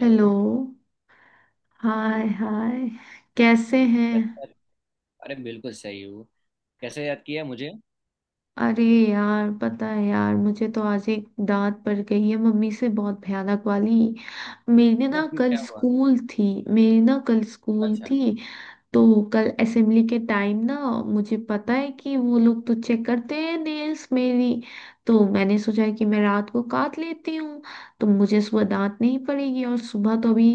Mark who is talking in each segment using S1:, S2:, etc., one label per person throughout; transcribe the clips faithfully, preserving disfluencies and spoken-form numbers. S1: Hello. Hi
S2: जी।
S1: Hi. कैसे हैं?
S2: कैसे? अरे बिल्कुल सही हूँ। कैसे याद किया मुझे?
S1: अरे, यार पता है यार, मुझे तो आज एक डांट पड़ गई है मम्मी से बहुत भयानक वाली। मेरी
S2: अच्छा,
S1: ना
S2: क्यों
S1: कल
S2: क्या हुआ?
S1: स्कूल थी। मेरी ना कल स्कूल
S2: अच्छा।
S1: थी। तो कल असेंबली के टाइम ना, मुझे पता है कि वो लोग तो चेक करते हैं नेल्स मेरी। तो मैंने सोचा कि मैं रात को काट लेती हूँ, तो मुझे सुबह दांत नहीं पड़ेगी। और सुबह तो अभी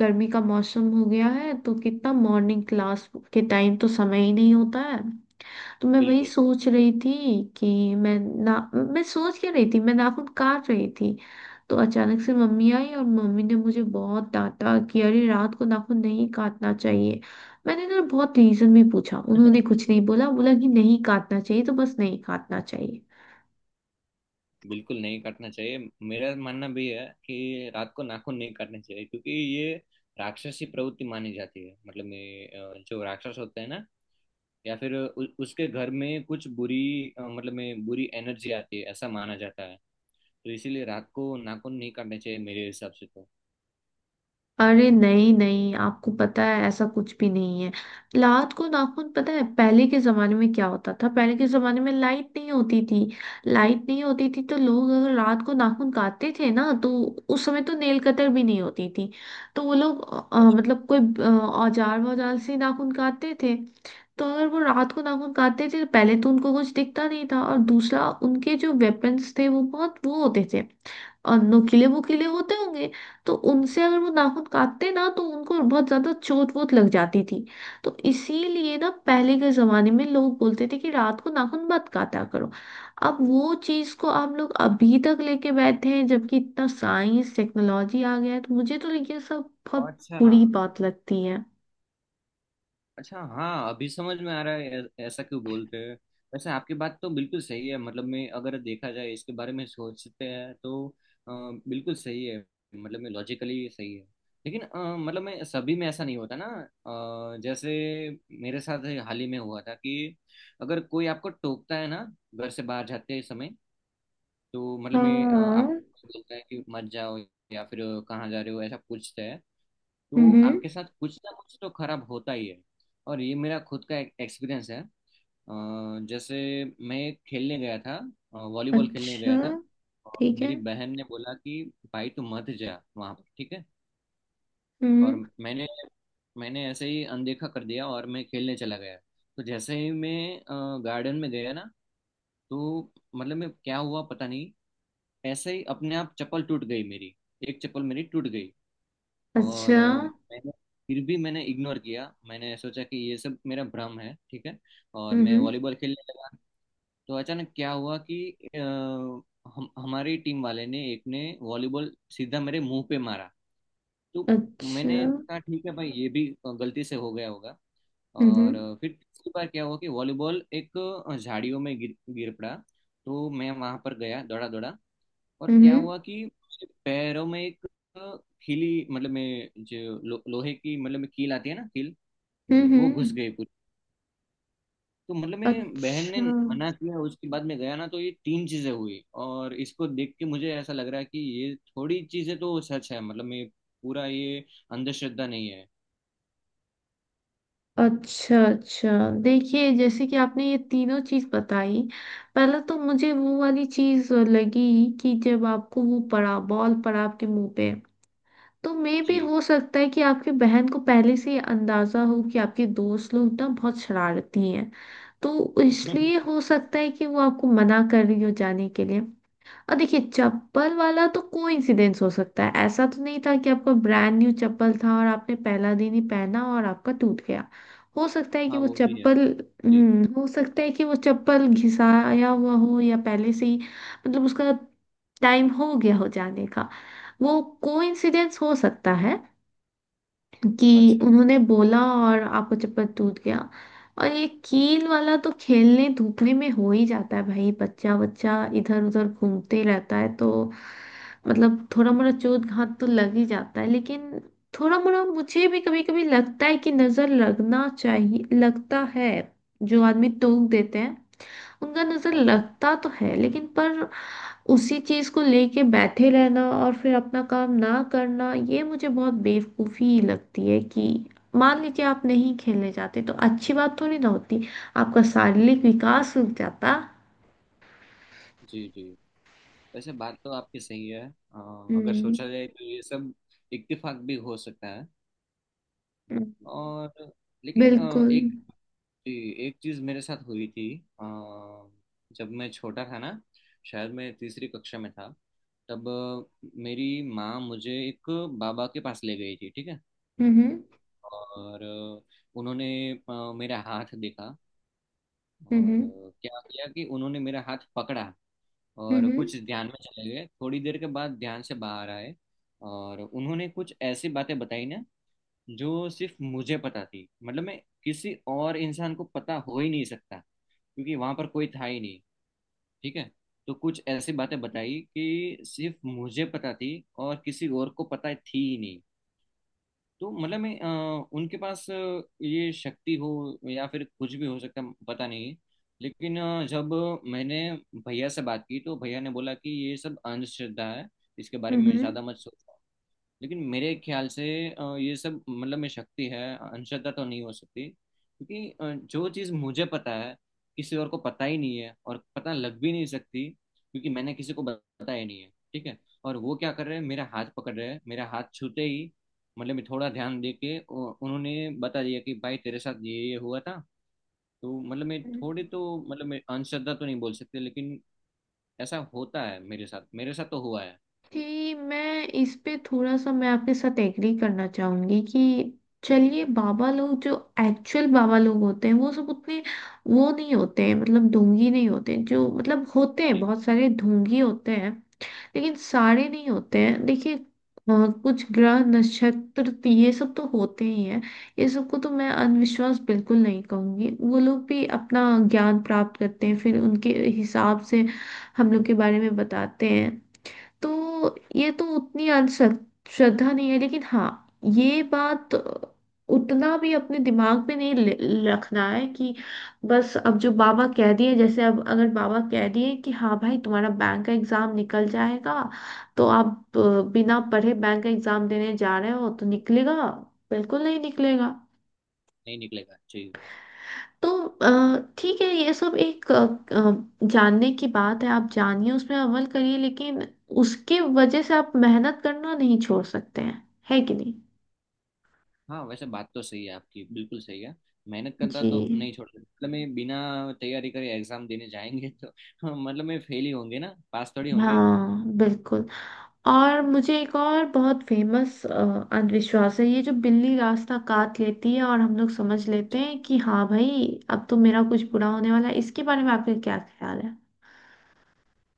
S1: गर्मी का मौसम हो गया है, तो कितना मॉर्निंग क्लास के टाइम तो समय ही नहीं होता है। तो मैं वही
S2: बिल्कुल।
S1: सोच रही थी कि मैं ना मैं सोच क्या रही थी, मैं नाखून काट रही थी। तो अचानक से मम्मी आई और मम्मी ने मुझे बहुत डांटा कि अरे, रात को नाखून नहीं काटना चाहिए। मैंने ना बहुत रीजन भी पूछा, उन्होंने कुछ नहीं बोला, बोला कि नहीं काटना चाहिए तो बस नहीं काटना चाहिए।
S2: बिल्कुल नहीं काटना चाहिए। मेरा मानना भी है कि रात को नाखून नहीं काटने चाहिए, क्योंकि ये राक्षसी प्रवृत्ति मानी जाती है। मतलब में अ, जो राक्षस होते हैं ना, या फिर उ, उसके घर में कुछ बुरी, अ, मतलब में बुरी एनर्जी आती है, ऐसा माना जाता है। तो इसीलिए रात को नाखून नहीं काटने चाहिए मेरे हिसाब से तो।
S1: अरे नहीं नहीं, आपको पता है ऐसा कुछ भी नहीं है। रात को नाखून, पता है पहले के जमाने में क्या होता था? पहले के जमाने में लाइट नहीं होती थी। लाइट नहीं होती थी तो लोग अगर रात को नाखून काटते थे ना, तो उस समय तो नेल कटर भी नहीं होती थी। तो वो लोग अ,
S2: अच्छा।
S1: मतलब कोई अ, औजार वौजार से नाखून काटते थे। तो अगर वो रात को नाखून काटते थे तो पहले तो उनको कुछ दिखता नहीं था, और दूसरा उनके जो वेपन्स थे वो बहुत वो होते थे और नुकीले वुकीले होते होंगे। तो उनसे अगर वो नाखून काटते ना, तो उनको बहुत ज्यादा चोट वोट लग जाती थी। तो इसीलिए ना पहले के जमाने में लोग बोलते थे कि रात को नाखून मत काटा करो। अब वो चीज को आप लोग अभी तक लेके बैठे हैं, जबकि इतना साइंस टेक्नोलॉजी आ गया है, तो मुझे तो ये सब बहुत
S2: अच्छा।
S1: बुरी बात लगती है।
S2: अच्छा, हाँ अभी समझ में आ रहा है ऐ- ऐसा क्यों बोलते हैं। वैसे आपकी बात तो बिल्कुल सही है, मतलब मैं अगर देखा जाए इसके बारे में सोचते हैं तो, अ, बिल्कुल सही है। मतलब मैं लॉजिकली सही है। लेकिन अ, मतलब मैं सभी में ऐसा नहीं होता ना। अ, जैसे मेरे साथ हाल ही में हुआ था कि अगर कोई आपको टोकता है ना घर से बाहर जाते समय, तो मतलब मैं अ,
S1: हाँ।
S2: आपको बोलता है कि मत जाओ, या फिर अ, कहाँ जा रहे हो ऐसा पूछता है, तो
S1: हम्म।
S2: आपके साथ कुछ ना कुछ तो खराब होता ही है। और ये मेरा खुद का एक्सपीरियंस है। अ, जैसे मैं खेलने गया था, अ, वॉलीबॉल खेलने
S1: अच्छा।
S2: गया था। और
S1: ठीक है।
S2: मेरी बहन ने बोला कि भाई तू मत जा वहाँ पर, ठीक है। और
S1: हम्म।
S2: मैंने मैंने ऐसे ही अनदेखा कर दिया और मैं खेलने चला गया। तो जैसे ही मैं गार्डन में गया ना, तो मतलब मैं क्या हुआ पता नहीं, ऐसे ही अपने आप चप्पल टूट गई मेरी, एक चप्पल मेरी टूट गई। और
S1: अच्छा।
S2: अ, मैंने फिर भी मैंने इग्नोर किया, मैंने सोचा कि ये सब मेरा भ्रम है ठीक है, और मैं
S1: हम्म।
S2: वॉलीबॉल खेलने लगा। तो अचानक क्या हुआ कि अ, हम हमारी टीम वाले ने एक ने वॉलीबॉल सीधा मेरे मुंह पे मारा। तो मैंने
S1: अच्छा।
S2: कहा ठीक है भाई, ये भी गलती से हो गया होगा।
S1: हम्म।
S2: और अ, फिर तीसरी बार क्या हुआ कि वॉलीबॉल एक अ, झाड़ियों में गिर गिर पड़ा। तो मैं वहां पर गया दौड़ा दौड़ा, और क्या
S1: हम्म।
S2: हुआ कि मेरे पैरों में एक खीली, मतलब मैं जो लो, लोहे की मतलब में कील आती है ना, कील, वो घुस
S1: हम्म।
S2: गई पूरी। तो मतलब मैं बहन ने
S1: अच्छा
S2: मना किया उसके बाद मैं गया ना, तो ये तीन चीजें हुई, और इसको देख के मुझे ऐसा लग रहा है कि ये थोड़ी चीजें तो सच है। मतलब मैं पूरा ये अंधश्रद्धा नहीं है।
S1: अच्छा अच्छा। देखिए, जैसे कि आपने ये तीनों चीज बताई। पहले तो मुझे वो वाली चीज लगी कि जब आपको वो पड़ा, बॉल पड़ा आपके मुंह पे, तो मे भी
S2: जी।
S1: हो सकता है कि आपकी बहन को पहले से ये अंदाजा हो कि आपके दोस्त लोग ना बहुत शरारती हैं, तो इसलिए हो सकता है कि वो आपको मना कर रही हो जाने के लिए। और देखिए, चप्पल वाला तो कोइंसिडेंस हो सकता है। ऐसा तो नहीं था कि आपका ब्रांड न्यू चप्पल था और आपने पहला दिन ही पहना और आपका टूट गया। हो सकता है कि
S2: हाँ
S1: वो
S2: वो भी है।
S1: चप्पल।
S2: जी।
S1: हम्म हो सकता है कि वो चप्पल घिसाया हुआ हो या पहले से ही, मतलब उसका टाइम हो गया हो जाने का। वो कोइंसिडेंस हो सकता है कि
S2: अच्छा।
S1: उन्होंने बोला और आपका चप्पल टूट गया। और ये कील वाला तो खेलने धूपने में हो ही जाता है भाई, बच्चा बच्चा इधर उधर घूमते ही रहता है, तो मतलब थोड़ा मोड़ा चोट घाट तो लग ही जाता है। लेकिन थोड़ा मोड़ा मुझे भी कभी कभी लगता है कि नजर लगना चाहिए, लगता है जो आदमी टोक देते हैं उनका नजर
S2: अच्छा।
S1: लगता तो है, लेकिन पर उसी चीज को लेके बैठे रहना और फिर अपना काम ना करना, ये मुझे बहुत बेवकूफी लगती है कि मान लीजिए आप नहीं खेलने जाते तो अच्छी बात थोड़ी ना होती, आपका शारीरिक विकास रुक जाता।
S2: जी। जी। वैसे बात तो आपकी सही है। अ, अगर
S1: हम्म।
S2: सोचा जाए तो ये सब इत्तेफाक भी हो सकता है।
S1: हम्म।
S2: और लेकिन अ,
S1: बिल्कुल।
S2: एक एक चीज मेरे साथ हुई थी। अ, जब मैं छोटा था ना, शायद मैं तीसरी कक्षा में था, तब अ, मेरी माँ मुझे एक बाबा के पास ले गई थी, ठीक है।
S1: हम्म।
S2: और अ, उन्होंने अ, मेरा हाथ देखा।
S1: हम्म।
S2: और
S1: हम्म।
S2: अ, क्या किया कि उन्होंने मेरा हाथ पकड़ा, और
S1: हम्म।
S2: कुछ ध्यान में चले गए, थोड़ी देर के बाद ध्यान से बाहर आए। और उन्होंने कुछ ऐसी बातें बताई ना, जो सिर्फ मुझे पता थी। मतलब मैं किसी और इंसान को पता हो ही नहीं सकता, क्योंकि वहां पर कोई था ही नहीं, ठीक है। तो कुछ ऐसी बातें बताई कि सिर्फ मुझे पता थी, और किसी और को पता थी ही नहीं। तो मतलब मैं अ, उनके पास अ, ये शक्ति हो या फिर कुछ भी हो सकता, पता नहीं। लेकिन अ, जब मैंने भैया से बात की, तो भैया ने बोला कि ये सब अंधश्रद्धा है, इसके बारे
S1: हम्म।
S2: में
S1: हम्म।
S2: ज़्यादा मत सोचो। लेकिन मेरे ख्याल से अ, ये सब मतलब में शक्ति है, अंशतः तो नहीं हो सकती, क्योंकि अ, जो चीज़ मुझे पता है, किसी और को पता ही नहीं है, और पता लग भी नहीं सकती, क्योंकि मैंने किसी को बताया ही नहीं है ठीक है। और वो क्या कर रहे हैं, मेरा हाथ पकड़ रहे हैं, मेरा हाथ छूते ही मतलब मैं थोड़ा ध्यान दे के उ- उन्होंने बता दिया कि भाई तेरे साथ ये ये हुआ था। तो मतलब मैं
S1: हम्म।
S2: थोड़े, तो मतलब मैं अंशतः तो नहीं बोल सकते, लेकिन ऐसा होता है। मेरे साथ, मेरे साथ तो हुआ है।
S1: कि मैं इस पे थोड़ा सा मैं आपके साथ एग्री करना चाहूंगी कि चलिए, बाबा लोग जो एक्चुअल बाबा लोग होते हैं वो सब उतने वो नहीं होते हैं, मतलब ढोंगी नहीं होते हैं। जो मतलब होते हैं,
S2: जी।
S1: बहुत सारे ढोंगी होते हैं लेकिन सारे नहीं होते हैं। देखिए अ, कुछ ग्रह नक्षत्र तो ये सब तो होते ही हैं। ये सबको तो मैं अंधविश्वास बिल्कुल नहीं कहूंगी, वो लोग भी अपना ज्ञान प्राप्त करते हैं, फिर उनके हिसाब से हम लोग के बारे में बताते हैं। तो ये तो उतनी अंधश्रद्ध- श्रद्धा नहीं है। लेकिन हाँ, ये बात उतना भी अपने दिमाग में नहीं ले- रखना है, कि बस अब जो बाबा कह दिए, जैसे अब अगर बाबा कह दिए कि हाँ भाई, तुम्हारा बैंक का एग्जाम निकल जाएगा, तो आप अ, बिना
S2: हाँ
S1: पढ़े बैंक का एग्जाम देने जा रहे हो तो निकलेगा? बिल्कुल नहीं निकलेगा।
S2: नहीं निकलेगा जी।
S1: तो अ, ठीक है, ये सब एक अ, अ, जानने की बात है। आप जानिए, उसमें अमल करिए, लेकिन उसके वजह से आप मेहनत करना नहीं छोड़ सकते हैं। है कि नहीं?
S2: हाँ वैसे बात तो सही है आपकी, बिल्कुल सही है। मेहनत करना तो
S1: जी।
S2: नहीं छोड़ सकते, मतलब मैं बिना तैयारी करे एग्जाम देने जाएंगे तो मतलब मैं फेल ही होंगे ना, पास थोड़ी होंगे।
S1: हाँ बिल्कुल। और मुझे एक और बहुत फेमस अंधविश्वास है, ये जो बिल्ली रास्ता काट लेती है और हम लोग समझ लेते
S2: अच्छा,
S1: हैं कि हाँ भाई, अब तो मेरा कुछ बुरा होने वाला है। इसके बारे में आपका क्या ख्याल है?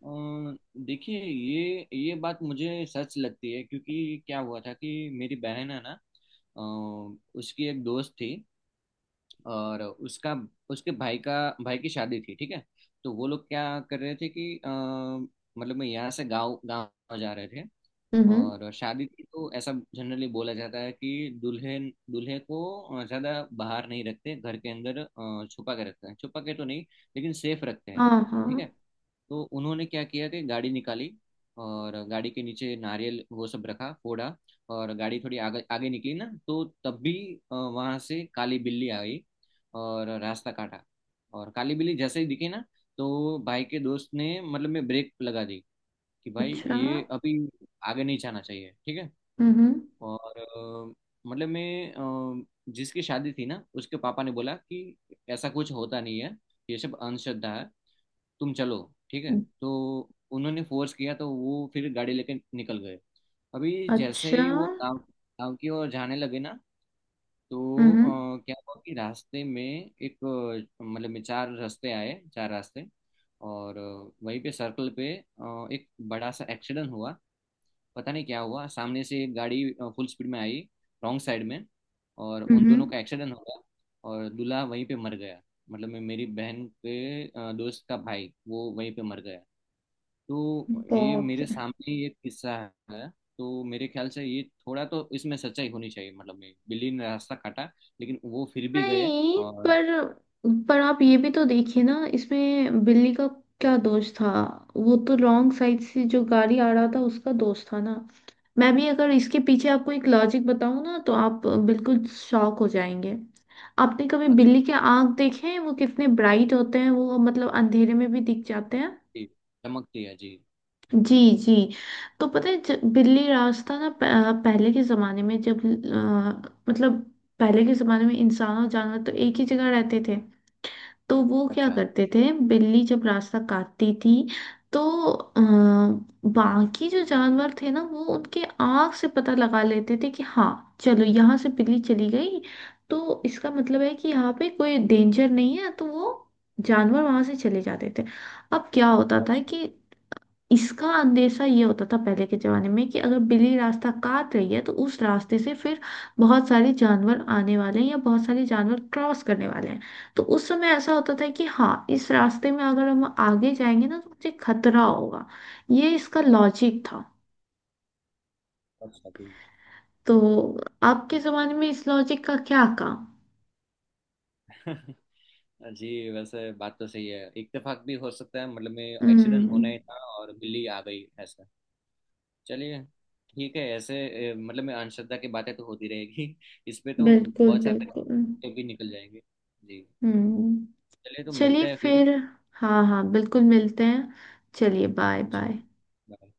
S2: अ, देखिए ये ये बात मुझे सच लगती है, क्योंकि क्या हुआ था कि मेरी बहन है ना, अ, उसकी एक दोस्त थी, और उसका उसके भाई का, भाई की शादी थी ठीक है। तो वो लोग क्या कर रहे थे कि अ, मतलब मैं यहाँ से गांव गांव जा रहे थे।
S1: हम्म।
S2: और शादी की तो ऐसा जनरली बोला जाता है कि दुल्हन दूल्हे को ज़्यादा बाहर नहीं रखते, घर के अंदर अ, छुपा के रखते हैं, छुपा के तो नहीं लेकिन सेफ रखते हैं,
S1: हाँ हाँ।
S2: ठीक है। तो उन्होंने क्या किया कि गाड़ी निकाली, और गाड़ी के नीचे नारियल वो सब रखा फोड़ा। और गाड़ी थोड़ी आगे आगे निकली ना, तो तब भी वहां से काली बिल्ली आई और रास्ता काटा। और काली बिल्ली जैसे ही दिखी ना, तो भाई के दोस्त ने मतलब में ब्रेक लगा दी कि भाई
S1: अच्छा।
S2: ये अभी आगे नहीं जाना चाहिए, ठीक है।
S1: हम्म।
S2: और अ, मतलब मैं अ, जिसकी शादी थी ना उसके पापा ने बोला कि ऐसा कुछ होता नहीं है, ये सब अंधश्रद्धा है, तुम चलो, ठीक है। तो उन्होंने फोर्स किया तो वो फिर गाड़ी लेके निकल गए। अभी जैसे
S1: अच्छा।
S2: ही वो गांव गांव की ओर जाने लगे ना, तो
S1: हम्म।
S2: अ, क्या हुआ कि रास्ते में एक अ, मतलब में चार रास्ते आए, चार रास्ते, और अ, वहीं पे सर्कल पे अ, एक बड़ा सा एक्सीडेंट हुआ। पता नहीं क्या हुआ, सामने से एक गाड़ी फुल स्पीड में आई, रॉन्ग साइड में, और उन दोनों
S1: हम्म।
S2: का एक्सीडेंट हो गया। और दूल्हा वहीं पे मर गया, मतलब मैं मेरी बहन के अ, दोस्त का भाई वो वहीं पे मर गया। तो ये
S1: बाप
S2: मेरे
S1: रे।
S2: सामने ये किस्सा है। तो मेरे ख्याल से ये थोड़ा तो इसमें सच्चाई होनी चाहिए, मतलब मैं बिल्ली ने रास्ता काटा लेकिन वो फिर भी गए।
S1: नहीं,
S2: और
S1: पर पर आप ये भी तो देखिए ना, इसमें बिल्ली का क्या दोष था? वो तो रॉन्ग साइड से जो गाड़ी आ रहा था उसका दोष था ना। मैं भी अगर इसके पीछे आपको एक लॉजिक बताऊं ना, तो आप बिल्कुल शॉक हो जाएंगे। आपने कभी
S2: अच्छा
S1: बिल्ली के आंख देखे हैं? वो कितने ब्राइट होते हैं, वो मतलब अंधेरे में भी दिख जाते हैं।
S2: जी, चमकती है जी।
S1: जी। जी। तो पता है, ज- बिल्ली रास्ता ना, प- अ, पहले के ज़माने में जब अ, मतलब पहले के ज़माने में इंसान और जानवर तो एक ही जगह रहते थे। तो वो क्या
S2: अच्छा।
S1: करते थे, बिल्ली जब रास्ता काटती थी तो अ, बाकी जो जानवर थे ना, वो उनके आँख से पता लगा लेते थे कि हाँ चलो यहाँ से बिल्ली चली गई, तो इसका मतलब है कि यहाँ पे कोई डेंजर नहीं है, तो वो जानवर वहां से चले जाते थे। अब क्या होता था
S2: अच्छा।
S1: कि इसका अंदेशा ये होता था पहले के जमाने में कि अगर बिल्ली रास्ता काट रही है तो उस रास्ते से फिर बहुत सारे जानवर आने वाले हैं या बहुत सारे जानवर क्रॉस करने वाले हैं। तो उस समय ऐसा होता था कि हाँ इस रास्ते में अगर हम आगे जाएंगे ना, तो मुझे खतरा होगा। ये इसका लॉजिक था।
S2: अच्छा जी।
S1: तो आपके जमाने में इस लॉजिक का क्या काम?
S2: जी, वैसे बात तो सही है, इत्तेफाक भी हो सकता है मतलब में, एक्सीडेंट होना
S1: हम्म।
S2: ही था और बिल्ली आ गई ऐसा। चलिए, ठीक है। ऐसे ए, मतलब में अंधश्रद्धा की बातें तो होती रहेगी इस पे तो
S1: बिल्कुल
S2: बहुत सारे
S1: बिल्कुल।
S2: टॉपिक भी निकल जाएंगे। जी,
S1: हम्म।
S2: चलिए तो मिलते
S1: चलिए
S2: हैं फिर।
S1: फिर। हाँ हाँ बिल्कुल, मिलते हैं। चलिए, बाय
S2: जी,
S1: बाय।
S2: बाय।